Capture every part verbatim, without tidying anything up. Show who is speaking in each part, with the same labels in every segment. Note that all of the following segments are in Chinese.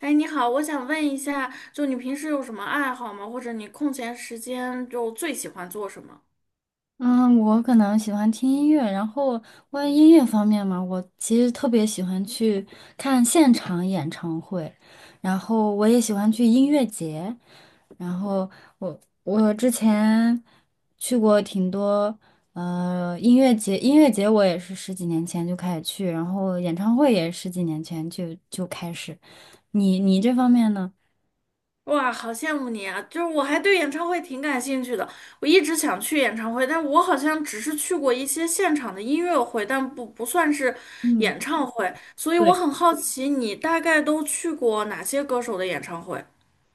Speaker 1: 哎，你好，我想问一下，就你平时有什么爱好吗？或者你空闲时间就最喜欢做什么？
Speaker 2: 嗯，我可能喜欢听音乐，然后关于音乐方面嘛，我其实特别喜欢去看现场演唱会，然后我也喜欢去音乐节，然后我我之前去过挺多呃音乐节，音乐节我也是十几年前就开始去，然后演唱会也十几年前就就开始，你你这方面呢？
Speaker 1: 哇，好羡慕你啊！就是我还对演唱会挺感兴趣的，我一直想去演唱会，但我好像只是去过一些现场的音乐会，但不不算是
Speaker 2: 嗯。
Speaker 1: 演唱会，所以我
Speaker 2: 对。
Speaker 1: 很好奇你大概都去过哪些歌手的演唱会？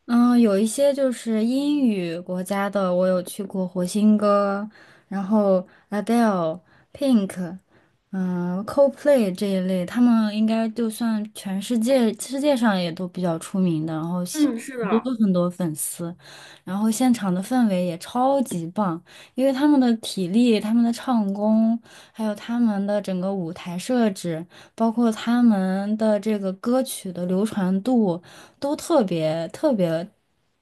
Speaker 2: 嗯，有一些就是英语国家的，我有去过火星哥，然后 Adele、Pink，嗯，Coldplay 这一类，他们应该就算全世界世界上也都比较出名的，然后喜
Speaker 1: 嗯，是
Speaker 2: 很多
Speaker 1: 的。
Speaker 2: 很多粉丝，然后现场的氛围也超级棒，因为他们的体力、他们的唱功，还有他们的整个舞台设置，包括他们的这个歌曲的流传度，都特别特别，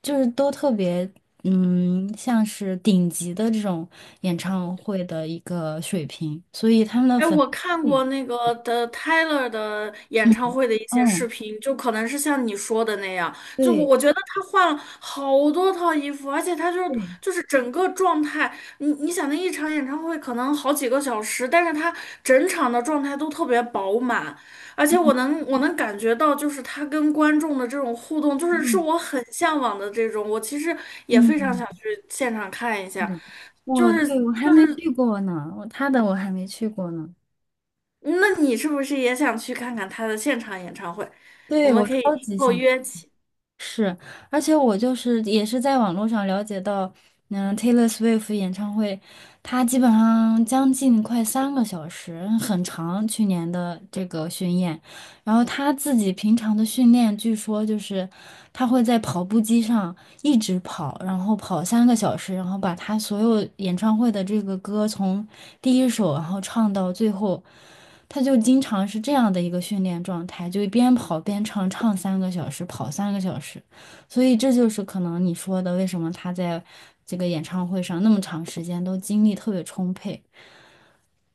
Speaker 2: 就是都特别，嗯，像是顶级的这种演唱会的一个水平，所以他们的
Speaker 1: 哎，
Speaker 2: 粉
Speaker 1: 我看
Speaker 2: 丝也，
Speaker 1: 过那个的 Tyler 的演
Speaker 2: 嗯
Speaker 1: 唱会的一些视
Speaker 2: 嗯，
Speaker 1: 频，就可能是像你说的那样，就我
Speaker 2: 对
Speaker 1: 我觉得他换了好多套衣服，而且他就
Speaker 2: 对，
Speaker 1: 就是整个状态，你你想那一场演唱会可能好几个小时，但是他整场的状态都特别饱满，而且我能我能感觉到，就是他跟观众的这种互动，就是是
Speaker 2: 嗯
Speaker 1: 我很向往的这种，我其实也
Speaker 2: 嗯
Speaker 1: 非常
Speaker 2: 嗯，
Speaker 1: 想去现场看一下。
Speaker 2: 是，
Speaker 1: 就
Speaker 2: 我，
Speaker 1: 是。
Speaker 2: 对，我还没去过呢，我他的我还没去过呢，
Speaker 1: 那你是不是也想去看看他的现场演唱会？我
Speaker 2: 对，
Speaker 1: 们
Speaker 2: 我
Speaker 1: 可以
Speaker 2: 超
Speaker 1: 以
Speaker 2: 级
Speaker 1: 后
Speaker 2: 想。
Speaker 1: 约起。
Speaker 2: 是，而且我就是也是在网络上了解到，嗯，Taylor Swift 演唱会，它基本上将近快三个小时，很长。去年的这个巡演，然后他自己平常的训练，据说就是他会在跑步机上一直跑，然后跑三个小时，然后把他所有演唱会的这个歌从第一首，然后唱到最后，他就经常是这样的一个训练状态，就边跑边唱，唱三个小时，跑三个小时，所以这就是可能你说的为什么他在这个演唱会上那么长时间都精力特别充沛。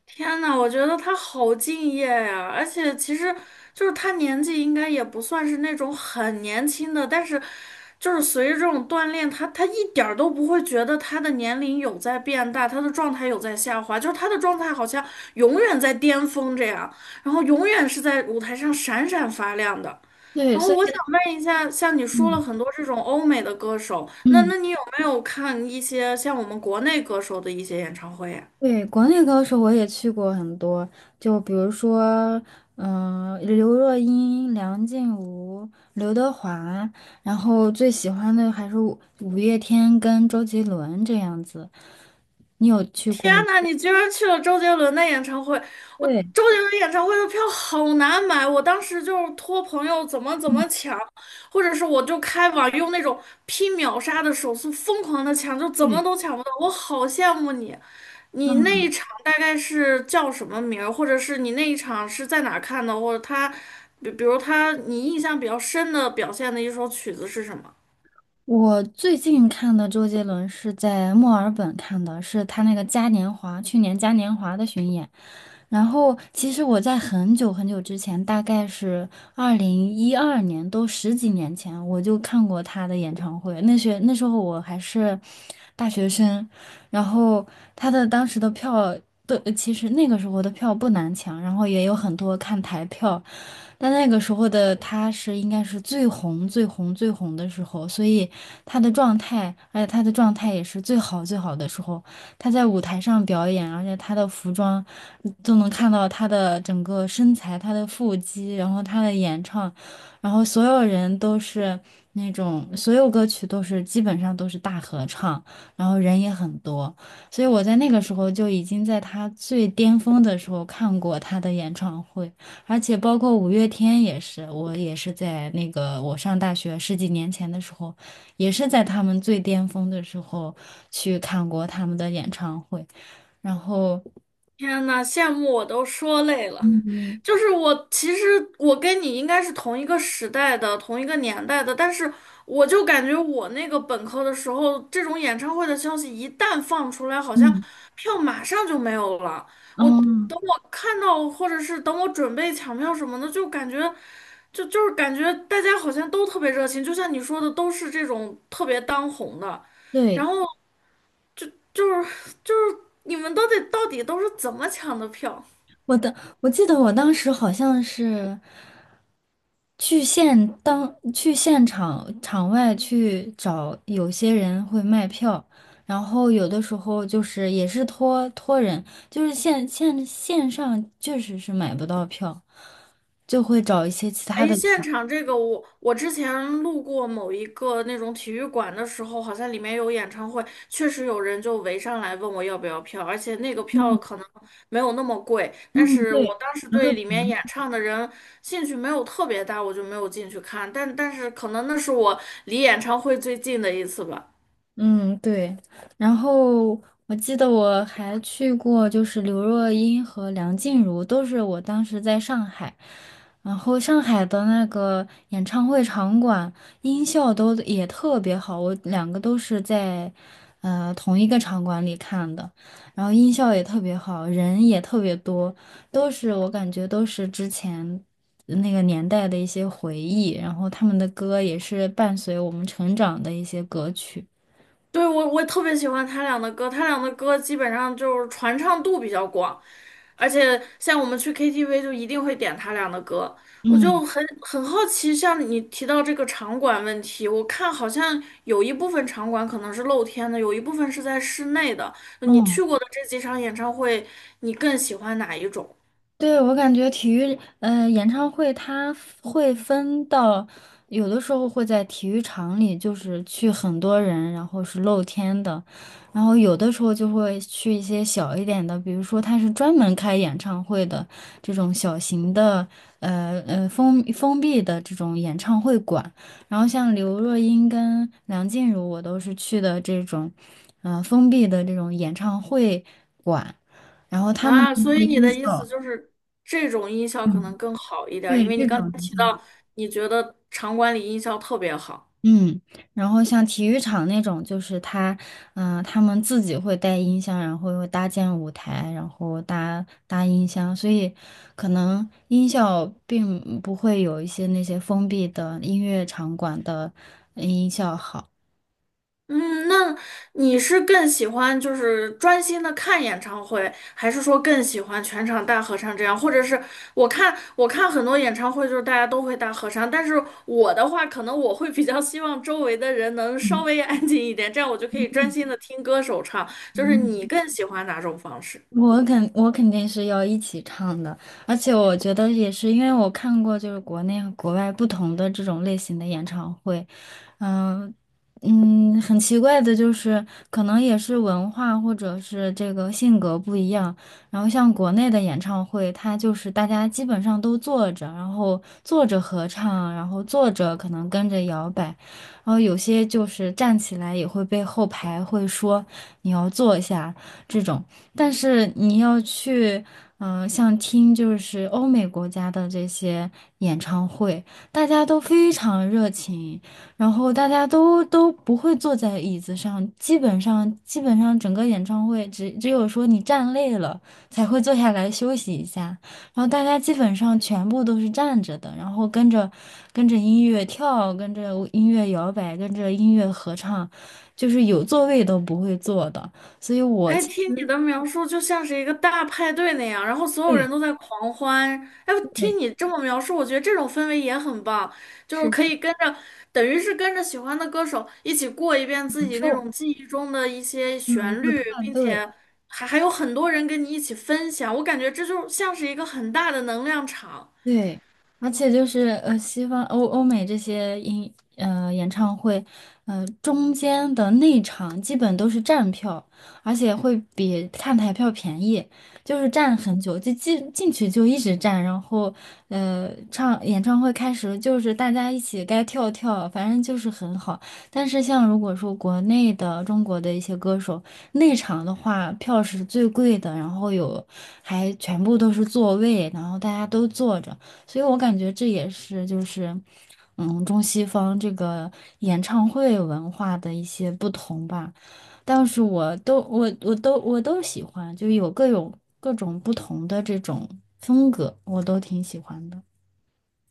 Speaker 1: 天呐，我觉得他好敬业呀，而且其实就是他年纪应该也不算是那种很年轻的，但是就是随着这种锻炼，他他一点儿都不会觉得他的年龄有在变大，他的状态有在下滑，就是他的状态好像永远在巅峰这样，然后永远是在舞台上闪闪发亮的。
Speaker 2: 对，
Speaker 1: 然
Speaker 2: 所
Speaker 1: 后
Speaker 2: 以
Speaker 1: 我想问一下，像你说了
Speaker 2: 嗯
Speaker 1: 很多这种欧美的歌手，那
Speaker 2: 嗯。
Speaker 1: 那你有没有看一些像我们国内歌手的一些演唱会呀？
Speaker 2: 对，国内高手我也去过很多，就比如说，嗯、刘若英、梁静茹、刘德华，然后最喜欢的还是五五月天跟周杰伦这样子。你有去过
Speaker 1: 天
Speaker 2: 吗？
Speaker 1: 呐，你居然去了周杰伦的演唱会！我
Speaker 2: 对，
Speaker 1: 周杰伦演唱会的票好难买，我当时就是托朋友怎么怎
Speaker 2: 嗯，
Speaker 1: 么抢，或者是我就开网用那种拼秒杀的手速疯狂的抢，就怎
Speaker 2: 对，
Speaker 1: 么都抢不到。我好羡慕你，你那
Speaker 2: 嗯，
Speaker 1: 一场大概是叫什么名儿，或者是你那一场是在哪儿看的，或者他，比比如他你印象比较深的表现的一首曲子是什么？
Speaker 2: 我最近看的周杰伦是在墨尔本看的，是他那个嘉年华，去年嘉年华的巡演。然后，其实我在很久很久之前，大概是二零一二年，都十几年前，我就看过他的演唱会。那时那时候我还是大学生，然后他的当时的票都，其实那个时候的票不难抢，然后也有很多看台票，但那个时候的他是应该是最红、最红、最红的时候，所以他的状态，而且他的状态也是最好、最好的时候。他在舞台上表演，而且他的服装都能看到他的整个身材、他的腹肌，然后他的演唱，然后所有人都是那种，所有歌曲都是基本上都是大合唱。然后人也很多，所以我在那个时候就已经在他最巅峰的时候看过他的演唱会，而且包括五月天也是，我也是在那个我上大学十几年前的时候，也是在他们最巅峰的时候去看过他们的演唱会，然后
Speaker 1: 天呐，羡慕我都说累了。
Speaker 2: 嗯
Speaker 1: 就是我，其实我跟你应该是同一个时代的、同一个年代的，但是我就感觉我那个本科的时候，这种演唱会的消息一旦放出来，好像
Speaker 2: 嗯
Speaker 1: 票马上就没有了。我
Speaker 2: 嗯，
Speaker 1: 等我看到，或者是等我准备抢票什么的，就感觉，就就是感觉大家好像都特别热情，就像你说的，都是这种特别当红的，然
Speaker 2: 对，
Speaker 1: 后。就就是就是你们到底到底都是怎么抢的票？
Speaker 2: 我的，我记得我当时好像是。去现当去现场场外去找，有些人会卖票，然后有的时候就是也是托托人，就是线线线上确实是买不到票，就会找一些其他
Speaker 1: 哎，
Speaker 2: 的，
Speaker 1: 现场这个我我之前路过某一个那种体育馆的时候，好像里面有演唱会，确实有人就围上来问我要不要票，而且那个票
Speaker 2: 嗯
Speaker 1: 可能没有那么贵，但
Speaker 2: 嗯，
Speaker 1: 是
Speaker 2: 对，
Speaker 1: 我当时
Speaker 2: 然后
Speaker 1: 对里面演唱的人兴趣没有特别大，我就没有进去看，但但是可能那是我离演唱会最近的一次吧。
Speaker 2: 嗯，对。然后我记得我还去过，就是刘若英和梁静茹，都是我当时在上海。然后上海的那个演唱会场馆音效都也特别好，我两个都是在呃同一个场馆里看的，然后音效也特别好，人也特别多，都是我感觉都是之前那个年代的一些回忆，然后他们的歌也是伴随我们成长的一些歌曲。
Speaker 1: 对，我我特别喜欢他俩的歌，他俩的歌基本上就是传唱度比较广。而且像我们去 K T V 就一定会点他俩的歌，我就
Speaker 2: 嗯
Speaker 1: 很很好奇，像你提到这个场馆问题，我看好像有一部分场馆可能是露天的，有一部分是在室内的。你
Speaker 2: 嗯，
Speaker 1: 去过的这几场演唱会，你更喜欢哪一种
Speaker 2: 对，我感觉体育，呃，演唱会它会分到，有的时候会在体育场里，就是去很多人，然后是露天的，然后有的时候就会去一些小一点的，比如说它是专门开演唱会的这种小型的，呃呃封封闭的这种演唱会馆，然后像刘若英跟梁静茹，我都是去的这种，呃封闭的这种演唱会馆。
Speaker 1: 啊？所以你
Speaker 2: 音
Speaker 1: 的意思
Speaker 2: 效。
Speaker 1: 就是这种音效可
Speaker 2: 嗯，
Speaker 1: 能更好一点儿，因
Speaker 2: 对，
Speaker 1: 为你
Speaker 2: 这
Speaker 1: 刚才
Speaker 2: 种比
Speaker 1: 提
Speaker 2: 较好。
Speaker 1: 到你觉得场馆里音效特别好。
Speaker 2: 嗯，然后像体育场那种，就是他，嗯、他们自己会带音箱，然后又搭建舞台，然后搭搭音箱，所以可能音效并不会有一些那些封闭的音乐场馆的音效好。
Speaker 1: 嗯，那你是更喜欢就是专心的看演唱会，还是说更喜欢全场大合唱这样？或者是我看我看很多演唱会，就是大家都会大合唱，但是我的话，可能我会比较希望周围的人能稍微安静一点，这样我就可以专心的听歌手唱。就是你更喜欢哪种方式？
Speaker 2: 我肯我肯定是要一起唱的，而且我觉得也是，因为我看过就是国内和国外不同的这种类型的演唱会，嗯、嗯，很奇怪的就是，可能也是文化或者是这个性格不一样，然后像国内的演唱会，它就是大家基本上都坐着，然后坐着合唱，然后坐着可能跟着摇摆，然后有些就是站起来也会被后排会说你要坐下这种。但是你要去，嗯、像听就是欧美国家的这些演唱会，大家都非常热情，然后大家都都不会坐在椅子上，基本上基本上整个演唱会只只有说你站累了才会坐下来休息一下，然后大家基本上全部都是站着的，然后跟着跟着音乐跳，跟着音乐摇摆，跟着音乐合唱，就是有座位都不会坐的，所以我
Speaker 1: 哎，
Speaker 2: 其
Speaker 1: 听
Speaker 2: 实
Speaker 1: 你的描述就像是一个大派对那样，然后所有人
Speaker 2: 对。
Speaker 1: 都在狂欢。哎，听
Speaker 2: 对，
Speaker 1: 你这么描述，我觉得这种氛围也很棒，就
Speaker 2: 是
Speaker 1: 是可以跟着，等于是跟着喜欢的歌手一起过一遍自
Speaker 2: 享
Speaker 1: 己那
Speaker 2: 受
Speaker 1: 种记忆中的一些
Speaker 2: 这么一
Speaker 1: 旋
Speaker 2: 个派
Speaker 1: 律，并
Speaker 2: 对。
Speaker 1: 且还还有很多人跟你一起分享。我感觉这就像是一个很大的能量场。
Speaker 2: 对，而且就是呃，西方欧欧美这些音呃演唱会，呃中间的内场基本都是站票，而且会比看台票便宜，就是站很久，就进进去就一直站，然后呃唱演唱会开始就是大家一起该跳跳，反正就是很好，但是像如果说国内的中国的一些歌手内场的话，票是最贵的，然后有还全部都是座位，然后大家都坐着，所以我感觉这也是就是嗯中西方这个演唱会文化的一些不同吧。但是我都我我都我都喜欢，就有各种各种不同的这种风格，我都挺喜欢的。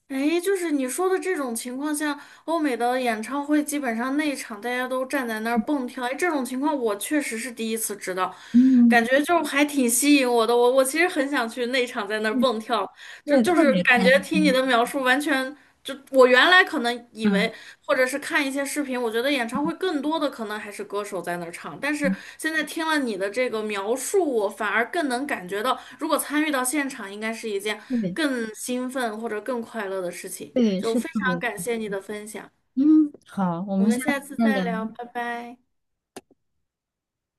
Speaker 1: 哎，就是你说的这种情况下，欧美的演唱会基本上内场大家都站在那儿蹦跳，哎，这种情况我确实是第一次知道，
Speaker 2: 嗯，
Speaker 1: 感觉就还挺吸引我的。我我其实很想去内场在那儿
Speaker 2: 对，
Speaker 1: 蹦跳。就
Speaker 2: 对
Speaker 1: 就
Speaker 2: 特
Speaker 1: 是
Speaker 2: 别
Speaker 1: 感
Speaker 2: 开
Speaker 1: 觉听你
Speaker 2: 心，
Speaker 1: 的描述，完全就我原来可能以
Speaker 2: 嗯，
Speaker 1: 为，或者是看一些视频，我觉得演唱会更多的可能还是歌手在那儿唱，但是现在听了你的这个描述，我反而更能感觉到，如果参与到现场，应该是一件
Speaker 2: 特别
Speaker 1: 更兴奋或者更快乐的事情。
Speaker 2: 对，
Speaker 1: 就
Speaker 2: 是
Speaker 1: 非
Speaker 2: 特
Speaker 1: 常
Speaker 2: 别。
Speaker 1: 感谢你的分享，
Speaker 2: 嗯，好，我
Speaker 1: 我
Speaker 2: 们下
Speaker 1: 们下
Speaker 2: 次
Speaker 1: 次
Speaker 2: 再
Speaker 1: 再
Speaker 2: 聊。
Speaker 1: 聊，拜拜。